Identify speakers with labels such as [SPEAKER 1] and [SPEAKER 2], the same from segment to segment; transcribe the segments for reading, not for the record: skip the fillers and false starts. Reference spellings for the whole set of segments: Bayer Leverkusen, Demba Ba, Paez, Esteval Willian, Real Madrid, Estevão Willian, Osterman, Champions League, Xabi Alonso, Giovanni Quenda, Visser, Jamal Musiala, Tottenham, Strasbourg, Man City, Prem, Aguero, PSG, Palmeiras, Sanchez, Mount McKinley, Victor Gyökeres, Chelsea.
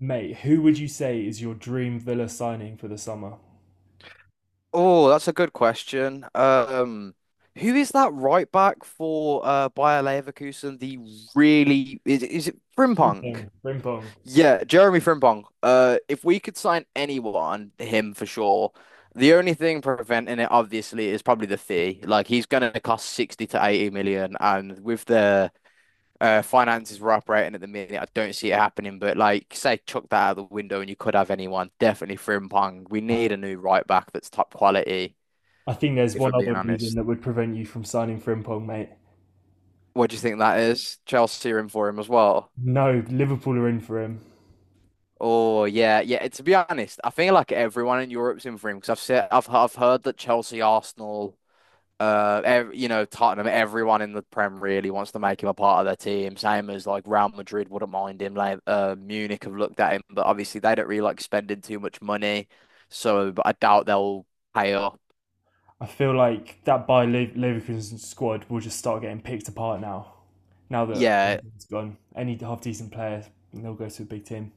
[SPEAKER 1] Mate, who would you say is your dream Villa signing for the summer?
[SPEAKER 2] Oh, that's a good question. Who is that right back for Bayer Leverkusen? The really is it
[SPEAKER 1] Frimpong.
[SPEAKER 2] Frimpong?
[SPEAKER 1] Frimpong.
[SPEAKER 2] Yeah, Jeremy Frimpong. If we could sign anyone, him for sure. The only thing preventing it, obviously, is probably the fee. Like he's going to cost 60 to 80 million, and with the finances we're operating at the minute, I don't see it happening. But like, say, chuck that out the window, and you could have anyone. Definitely Frimpong. We need a new right back that's top quality
[SPEAKER 1] I think there's
[SPEAKER 2] if
[SPEAKER 1] one
[SPEAKER 2] I'm being
[SPEAKER 1] other reason
[SPEAKER 2] honest.
[SPEAKER 1] that would prevent you from signing Frimpong, mate.
[SPEAKER 2] What do you think that is? Chelsea are in for him as well.
[SPEAKER 1] No, Liverpool are in for him.
[SPEAKER 2] Oh yeah, yeah. To be honest, I feel like everyone in Europe's in for him because I've said I've heard that Chelsea, Arsenal, Tottenham, everyone in the Prem really wants to make him a part of their team. Same as like Real Madrid wouldn't mind him. Like Munich have looked at him, but obviously they don't really like spending too much money, so but I doubt they'll pay up.
[SPEAKER 1] I feel like that Leverkusen squad will just start getting picked apart now. Now that
[SPEAKER 2] Yeah,
[SPEAKER 1] Frimpong's gone, any half decent player, they'll go to a big team.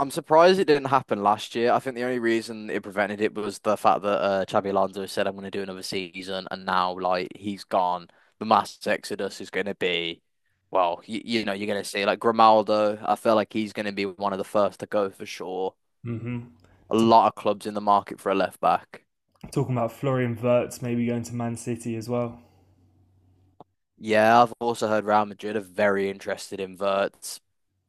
[SPEAKER 2] I'm surprised it didn't happen last year. I think the only reason it prevented it was the fact that Xabi Alonso said, I'm going to do another season. And now, like, he's gone. The mass exodus is going to be, you're going to see, like, Grimaldo. I feel like he's going to be one of the first to go for sure.
[SPEAKER 1] Hmm.
[SPEAKER 2] A
[SPEAKER 1] T-
[SPEAKER 2] lot of clubs in the market for a left back.
[SPEAKER 1] Talking about Florian Wirtz maybe going to Man City as well.
[SPEAKER 2] Yeah, I've also heard Real Madrid are very interested in Verts.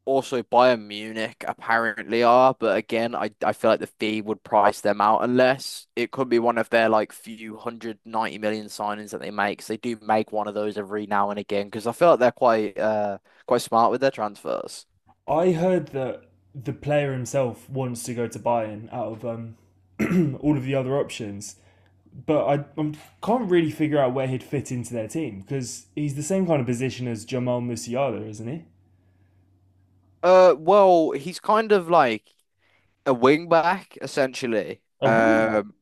[SPEAKER 2] Also Bayern Munich apparently are, but again, I feel like the fee would price them out unless it could be one of their like few hundred ninety million signings that they make. 'Cause they do make one of those every now and again because I feel like they're quite quite smart with their transfers.
[SPEAKER 1] I heard that the player himself wants to go to Bayern out of all of the other options, but I can't really figure out where he'd fit into their team because he's the same kind of position as Jamal Musiala, isn't he?
[SPEAKER 2] Well, he's kind of like a wing back essentially.
[SPEAKER 1] A wing.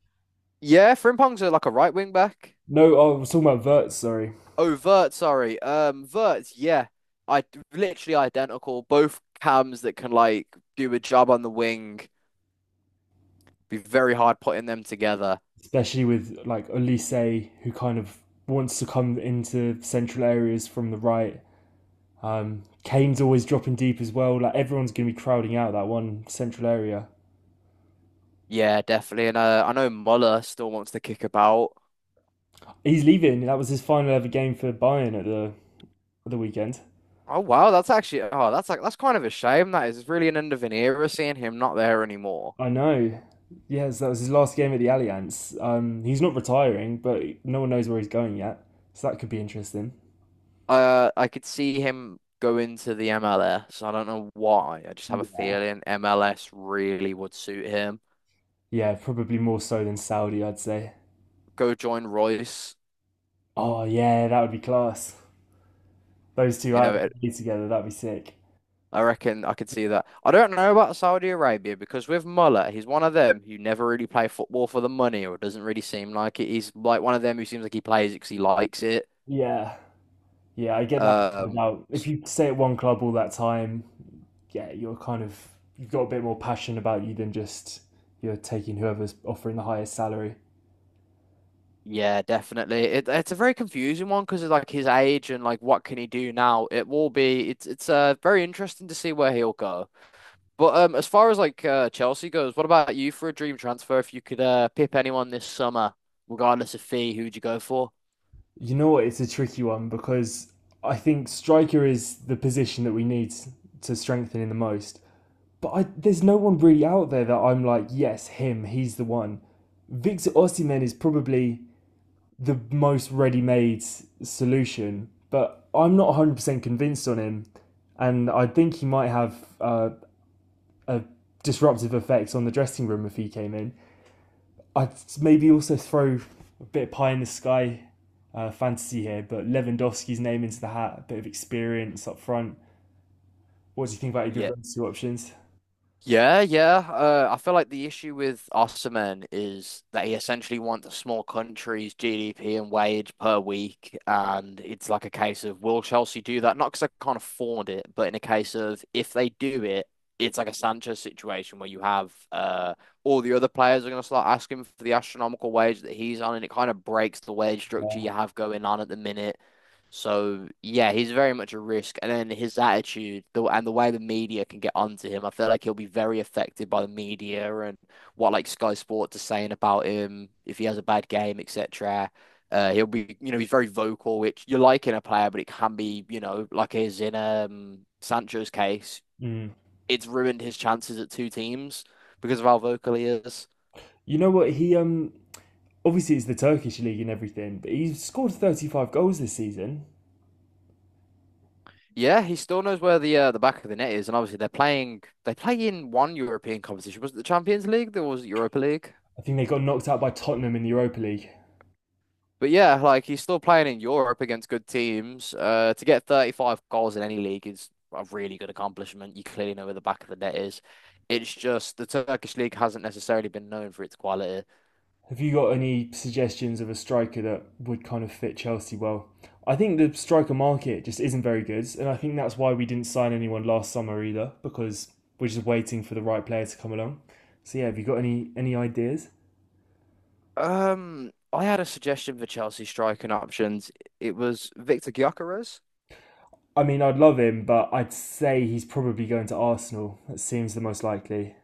[SPEAKER 2] Yeah, Frimpong's a, like a right wing back.
[SPEAKER 1] No, oh, I was talking about Verts. Sorry,
[SPEAKER 2] Oh, Vert, sorry. Vert, yeah. I literally identical. Both cams that can like do a job on the wing. Be very hard putting them together.
[SPEAKER 1] especially with like Olise, who kind of wants to come into central areas from the right. Kane's always dropping deep as well. Like everyone's going to be crowding out that one central area.
[SPEAKER 2] Yeah, definitely. And I know Muller still wants to kick about.
[SPEAKER 1] He's leaving. That was his final ever game for Bayern at the weekend.
[SPEAKER 2] Oh wow, that's actually oh that's like that's kind of a shame. That is really an end of an era seeing him not there anymore.
[SPEAKER 1] I know. Yes, that was his last game at the Allianz. He's not retiring, but no one knows where he's going yet. So that could be interesting.
[SPEAKER 2] I could see him go into the MLS. I don't know why. I just have a
[SPEAKER 1] Yeah.
[SPEAKER 2] feeling MLS really would suit him.
[SPEAKER 1] Yeah, probably more so than Saudi, I'd say.
[SPEAKER 2] Go join Royce.
[SPEAKER 1] Oh yeah, that would be class. Those two
[SPEAKER 2] You
[SPEAKER 1] out
[SPEAKER 2] know,
[SPEAKER 1] together, that'd be sick.
[SPEAKER 2] I reckon I could see that. I don't know about Saudi Arabia because with Muller, he's one of them who never really play football for the money or doesn't really seem like it. He's like one of them who seems like he plays it because he likes it.
[SPEAKER 1] Yeah, yeah, I get that.
[SPEAKER 2] Um,
[SPEAKER 1] About if you stay at one club all that time, yeah, you're kind of you've got a bit more passion about you than just you're taking whoever's offering the highest salary.
[SPEAKER 2] yeah, definitely. It's a very confusing one because of like his age and like what can he do now. It will be it's very interesting to see where he'll go. But as far as like Chelsea goes, what about you for a dream transfer? If you could pip anyone this summer, regardless of fee, who'd you go for?
[SPEAKER 1] You know what? It's a tricky one because I think striker is the position that we need to strengthen in the most. But I, there's no one really out there that I'm like, yes, him, he's the one. Victor Osimhen is probably the most ready-made solution, but I'm not 100% convinced on him, and I think he might have uh, a disruptive effect on the dressing room if he came in. I'd maybe also throw a bit of pie in the sky fantasy here, but Lewandowski's name into the hat, a bit of experience up front. What do you think about either of
[SPEAKER 2] Yeah.
[SPEAKER 1] those two options?
[SPEAKER 2] Yeah, yeah. I feel like the issue with Osterman is that he essentially wants a small country's GDP and wage per week, and it's like a case of will Chelsea do that? Not because they can't afford it, but in a case of if they do it, it's like a Sanchez situation where you have all the other players are going to start asking for the astronomical wage that he's on, and it kind of breaks the wage structure you have going on at the minute. So yeah, he's very much a risk, and then his attitude, the and the way the media can get onto him, I feel like he'll be very affected by the media and what like Sky Sports are saying about him if he has a bad game, etc. He'll be, you know, he's very vocal, which you like in a player, but it can be, you know, like is in Sancho's case,
[SPEAKER 1] Mm.
[SPEAKER 2] it's ruined his chances at two teams because of how vocal he is.
[SPEAKER 1] You know what? He obviously it's the Turkish league and everything, but he's scored 35 goals this season.
[SPEAKER 2] Yeah, he still knows where the back of the net is, and obviously they play in one European competition. Was it the Champions League? There was it Europa League.
[SPEAKER 1] I think they got knocked out by Tottenham in the Europa League.
[SPEAKER 2] But yeah, like he's still playing in Europe against good teams. To get 35 goals in any league is a really good accomplishment. You clearly know where the back of the net is. It's just the Turkish league hasn't necessarily been known for its quality.
[SPEAKER 1] Have you got any suggestions of a striker that would kind of fit Chelsea well? I think the striker market just isn't very good, and I think that's why we didn't sign anyone last summer either, because we're just waiting for the right player to come along. So yeah, have you got any ideas?
[SPEAKER 2] I had a suggestion for Chelsea striking options. It was Victor Gyökeres.
[SPEAKER 1] I mean, I'd love him, but I'd say he's probably going to Arsenal. That seems the most likely.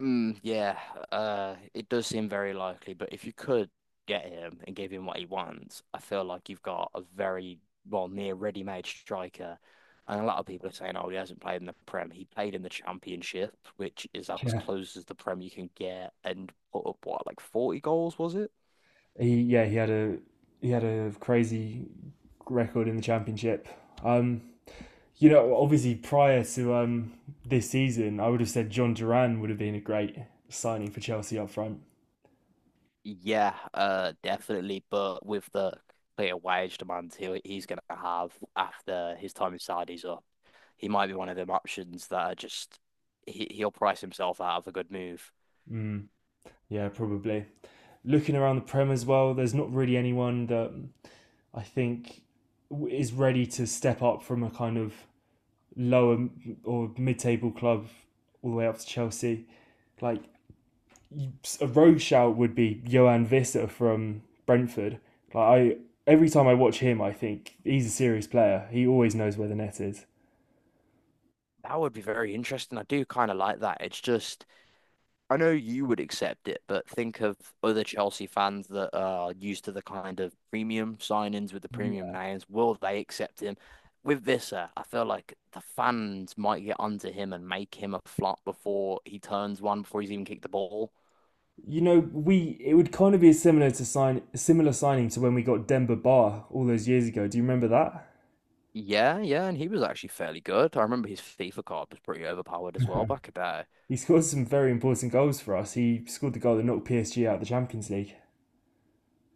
[SPEAKER 2] Mm, yeah, it does seem very likely, but if you could get him and give him what he wants, I feel like you've got a very, well, near ready-made striker. And a lot of people are saying, oh, he hasn't played in the Prem. He played in the Championship, which is as
[SPEAKER 1] Yeah,
[SPEAKER 2] close as the Prem you can get, and put up, what, like 40 goals, was it?
[SPEAKER 1] he yeah he had a he had a crazy record in the championship. Um, you know, obviously prior to this season, I would have said John Duran would have been a great signing for Chelsea up front.
[SPEAKER 2] Yeah, definitely. But with the clear wage demands he's going to have after his time in Saudi's up, he might be one of them options that are just he'll price himself out of a good move.
[SPEAKER 1] Mm, yeah, probably. Looking around the Prem as well, there's not really anyone that I think is ready to step up from a kind of lower or mid-table club all the way up to Chelsea. Like a rogue shout would be Johan Visser from Brentford. Like I, every time I watch him, I think he's a serious player. He always knows where the net is.
[SPEAKER 2] That would be very interesting. I do kind of like that. It's just I know you would accept it, but think of other Chelsea fans that are used to the kind of premium signings with the premium names. Will they accept him? With Visser, I feel like the fans might get onto him and make him a flop before he turns one, before he's even kicked the ball.
[SPEAKER 1] You know, we it would kind of be similar to sign similar signing to when we got Demba Ba all those years ago. Do you remember that?
[SPEAKER 2] Yeah, yeah, and he was actually fairly good. I remember his FIFA card was pretty overpowered as well back in the day.
[SPEAKER 1] He scored some very important goals for us. He scored the goal that knocked PSG out of the Champions League.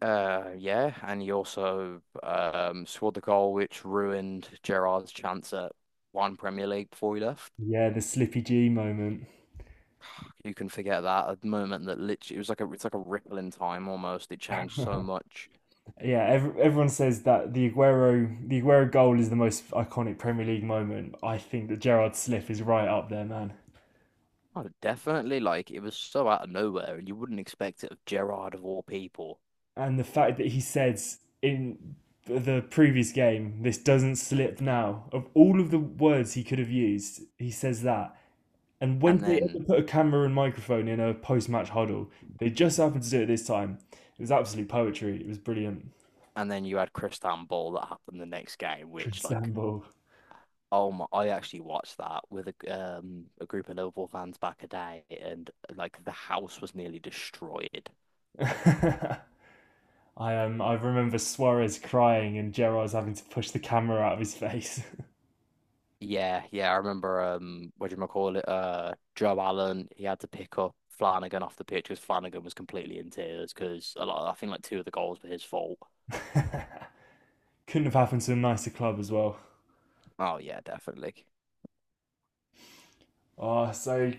[SPEAKER 2] Yeah, and he also scored the goal which ruined Gerard's chance at one Premier League before he left.
[SPEAKER 1] Yeah, the Slippy G moment.
[SPEAKER 2] You can forget that a moment that literally it was like a it's like a ripple in time almost. It changed so much.
[SPEAKER 1] Yeah, ev everyone says that the Aguero goal is the most iconic Premier League moment. I think that Gerard's slip is right up there, man.
[SPEAKER 2] Oh, definitely. Like it was so out of nowhere, and you wouldn't expect it of Gerrard of all people.
[SPEAKER 1] And the fact that he says in the previous game, this doesn't slip now. Of all of the words he could have used, he says that. And when do
[SPEAKER 2] And
[SPEAKER 1] they
[SPEAKER 2] then
[SPEAKER 1] ever put a camera and microphone in a post match huddle? They just happened to do it this time. It was absolute poetry. It was brilliant.
[SPEAKER 2] and then you had Cristian Ball that happened the next game,
[SPEAKER 1] Chris
[SPEAKER 2] which like
[SPEAKER 1] Samble.
[SPEAKER 2] oh my, I actually watched that with a group of Liverpool fans back a day, and like the house was nearly destroyed.
[SPEAKER 1] I remember Suarez crying and Gerrard's having to push the camera out of his face.
[SPEAKER 2] Yeah, yeah, I remember what do you call it? Joe Allen, he had to pick up Flanagan off the pitch because Flanagan was completely in tears because a lot I think like two of the goals were his fault.
[SPEAKER 1] Couldn't have happened to a nicer club as well.
[SPEAKER 2] Oh yeah, definitely.
[SPEAKER 1] Oh, so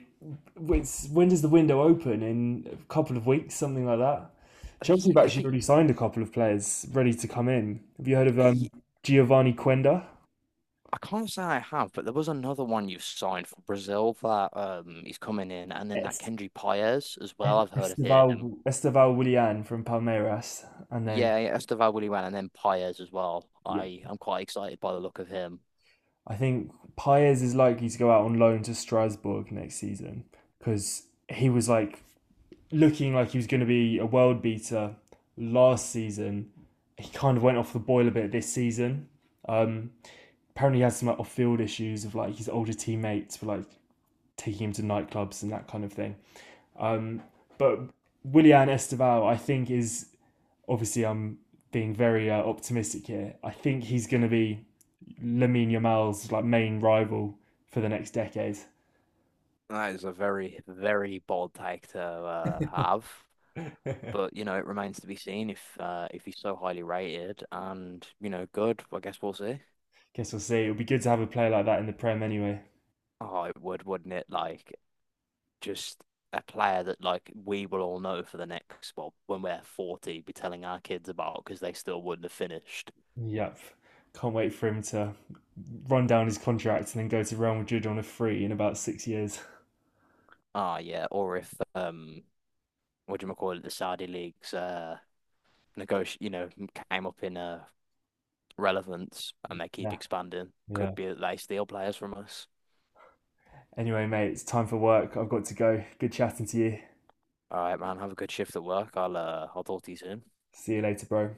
[SPEAKER 1] it's, when does the window open? In a couple of weeks, something like that. Chelsea have
[SPEAKER 2] They
[SPEAKER 1] actually
[SPEAKER 2] keep
[SPEAKER 1] already signed a couple of players ready to come in. Have you heard of
[SPEAKER 2] I
[SPEAKER 1] Giovanni Quenda?
[SPEAKER 2] I can't say I have, but there was another one you signed for Brazil that he's coming in and then that
[SPEAKER 1] Yes.
[SPEAKER 2] Kendrick Paez as well. I've heard of him.
[SPEAKER 1] Esteval, Esteval Willian from Palmeiras. And then,
[SPEAKER 2] Yeah, yeah, Estevão Willian and then Paez as well.
[SPEAKER 1] yeah,
[SPEAKER 2] I'm quite excited by the look of him.
[SPEAKER 1] I think Paez is likely to go out on loan to Strasbourg next season because he was like looking like he was going to be a world beater last season. He kind of went off the boil a bit this season. Um, Apparently he has some like, off-field issues of like his older teammates were like taking him to nightclubs and that kind of thing. Um, but Willian Esteval, I think, is obviously I'm being very optimistic here. I think he's going to be Lamine Yamal's like main rival for the next decade.
[SPEAKER 2] That is a very, very bold take to have. But you know, it remains to be seen if he's so highly rated and you know good. I guess we'll see.
[SPEAKER 1] Guess we'll see. It'll be good to have a player like that in the Prem anyway.
[SPEAKER 2] Oh, it would, wouldn't it? Like just a player that like we will all know for the next well, when we're 40, be telling our kids about because they still wouldn't have finished.
[SPEAKER 1] Yep, can't wait for him to run down his contract and then go to Real Madrid on a free in about 6 years.
[SPEAKER 2] Ah, yeah. Or if what do you call it? The Saudi leagues negoti you know came up in relevance and they keep
[SPEAKER 1] Yeah,
[SPEAKER 2] expanding.
[SPEAKER 1] yeah.
[SPEAKER 2] Could be that they steal players from us.
[SPEAKER 1] Anyway, mate, it's time for work. I've got to go. Good chatting to you.
[SPEAKER 2] All right, man. Have a good shift at work. I'll talk to you soon.
[SPEAKER 1] See you later, bro.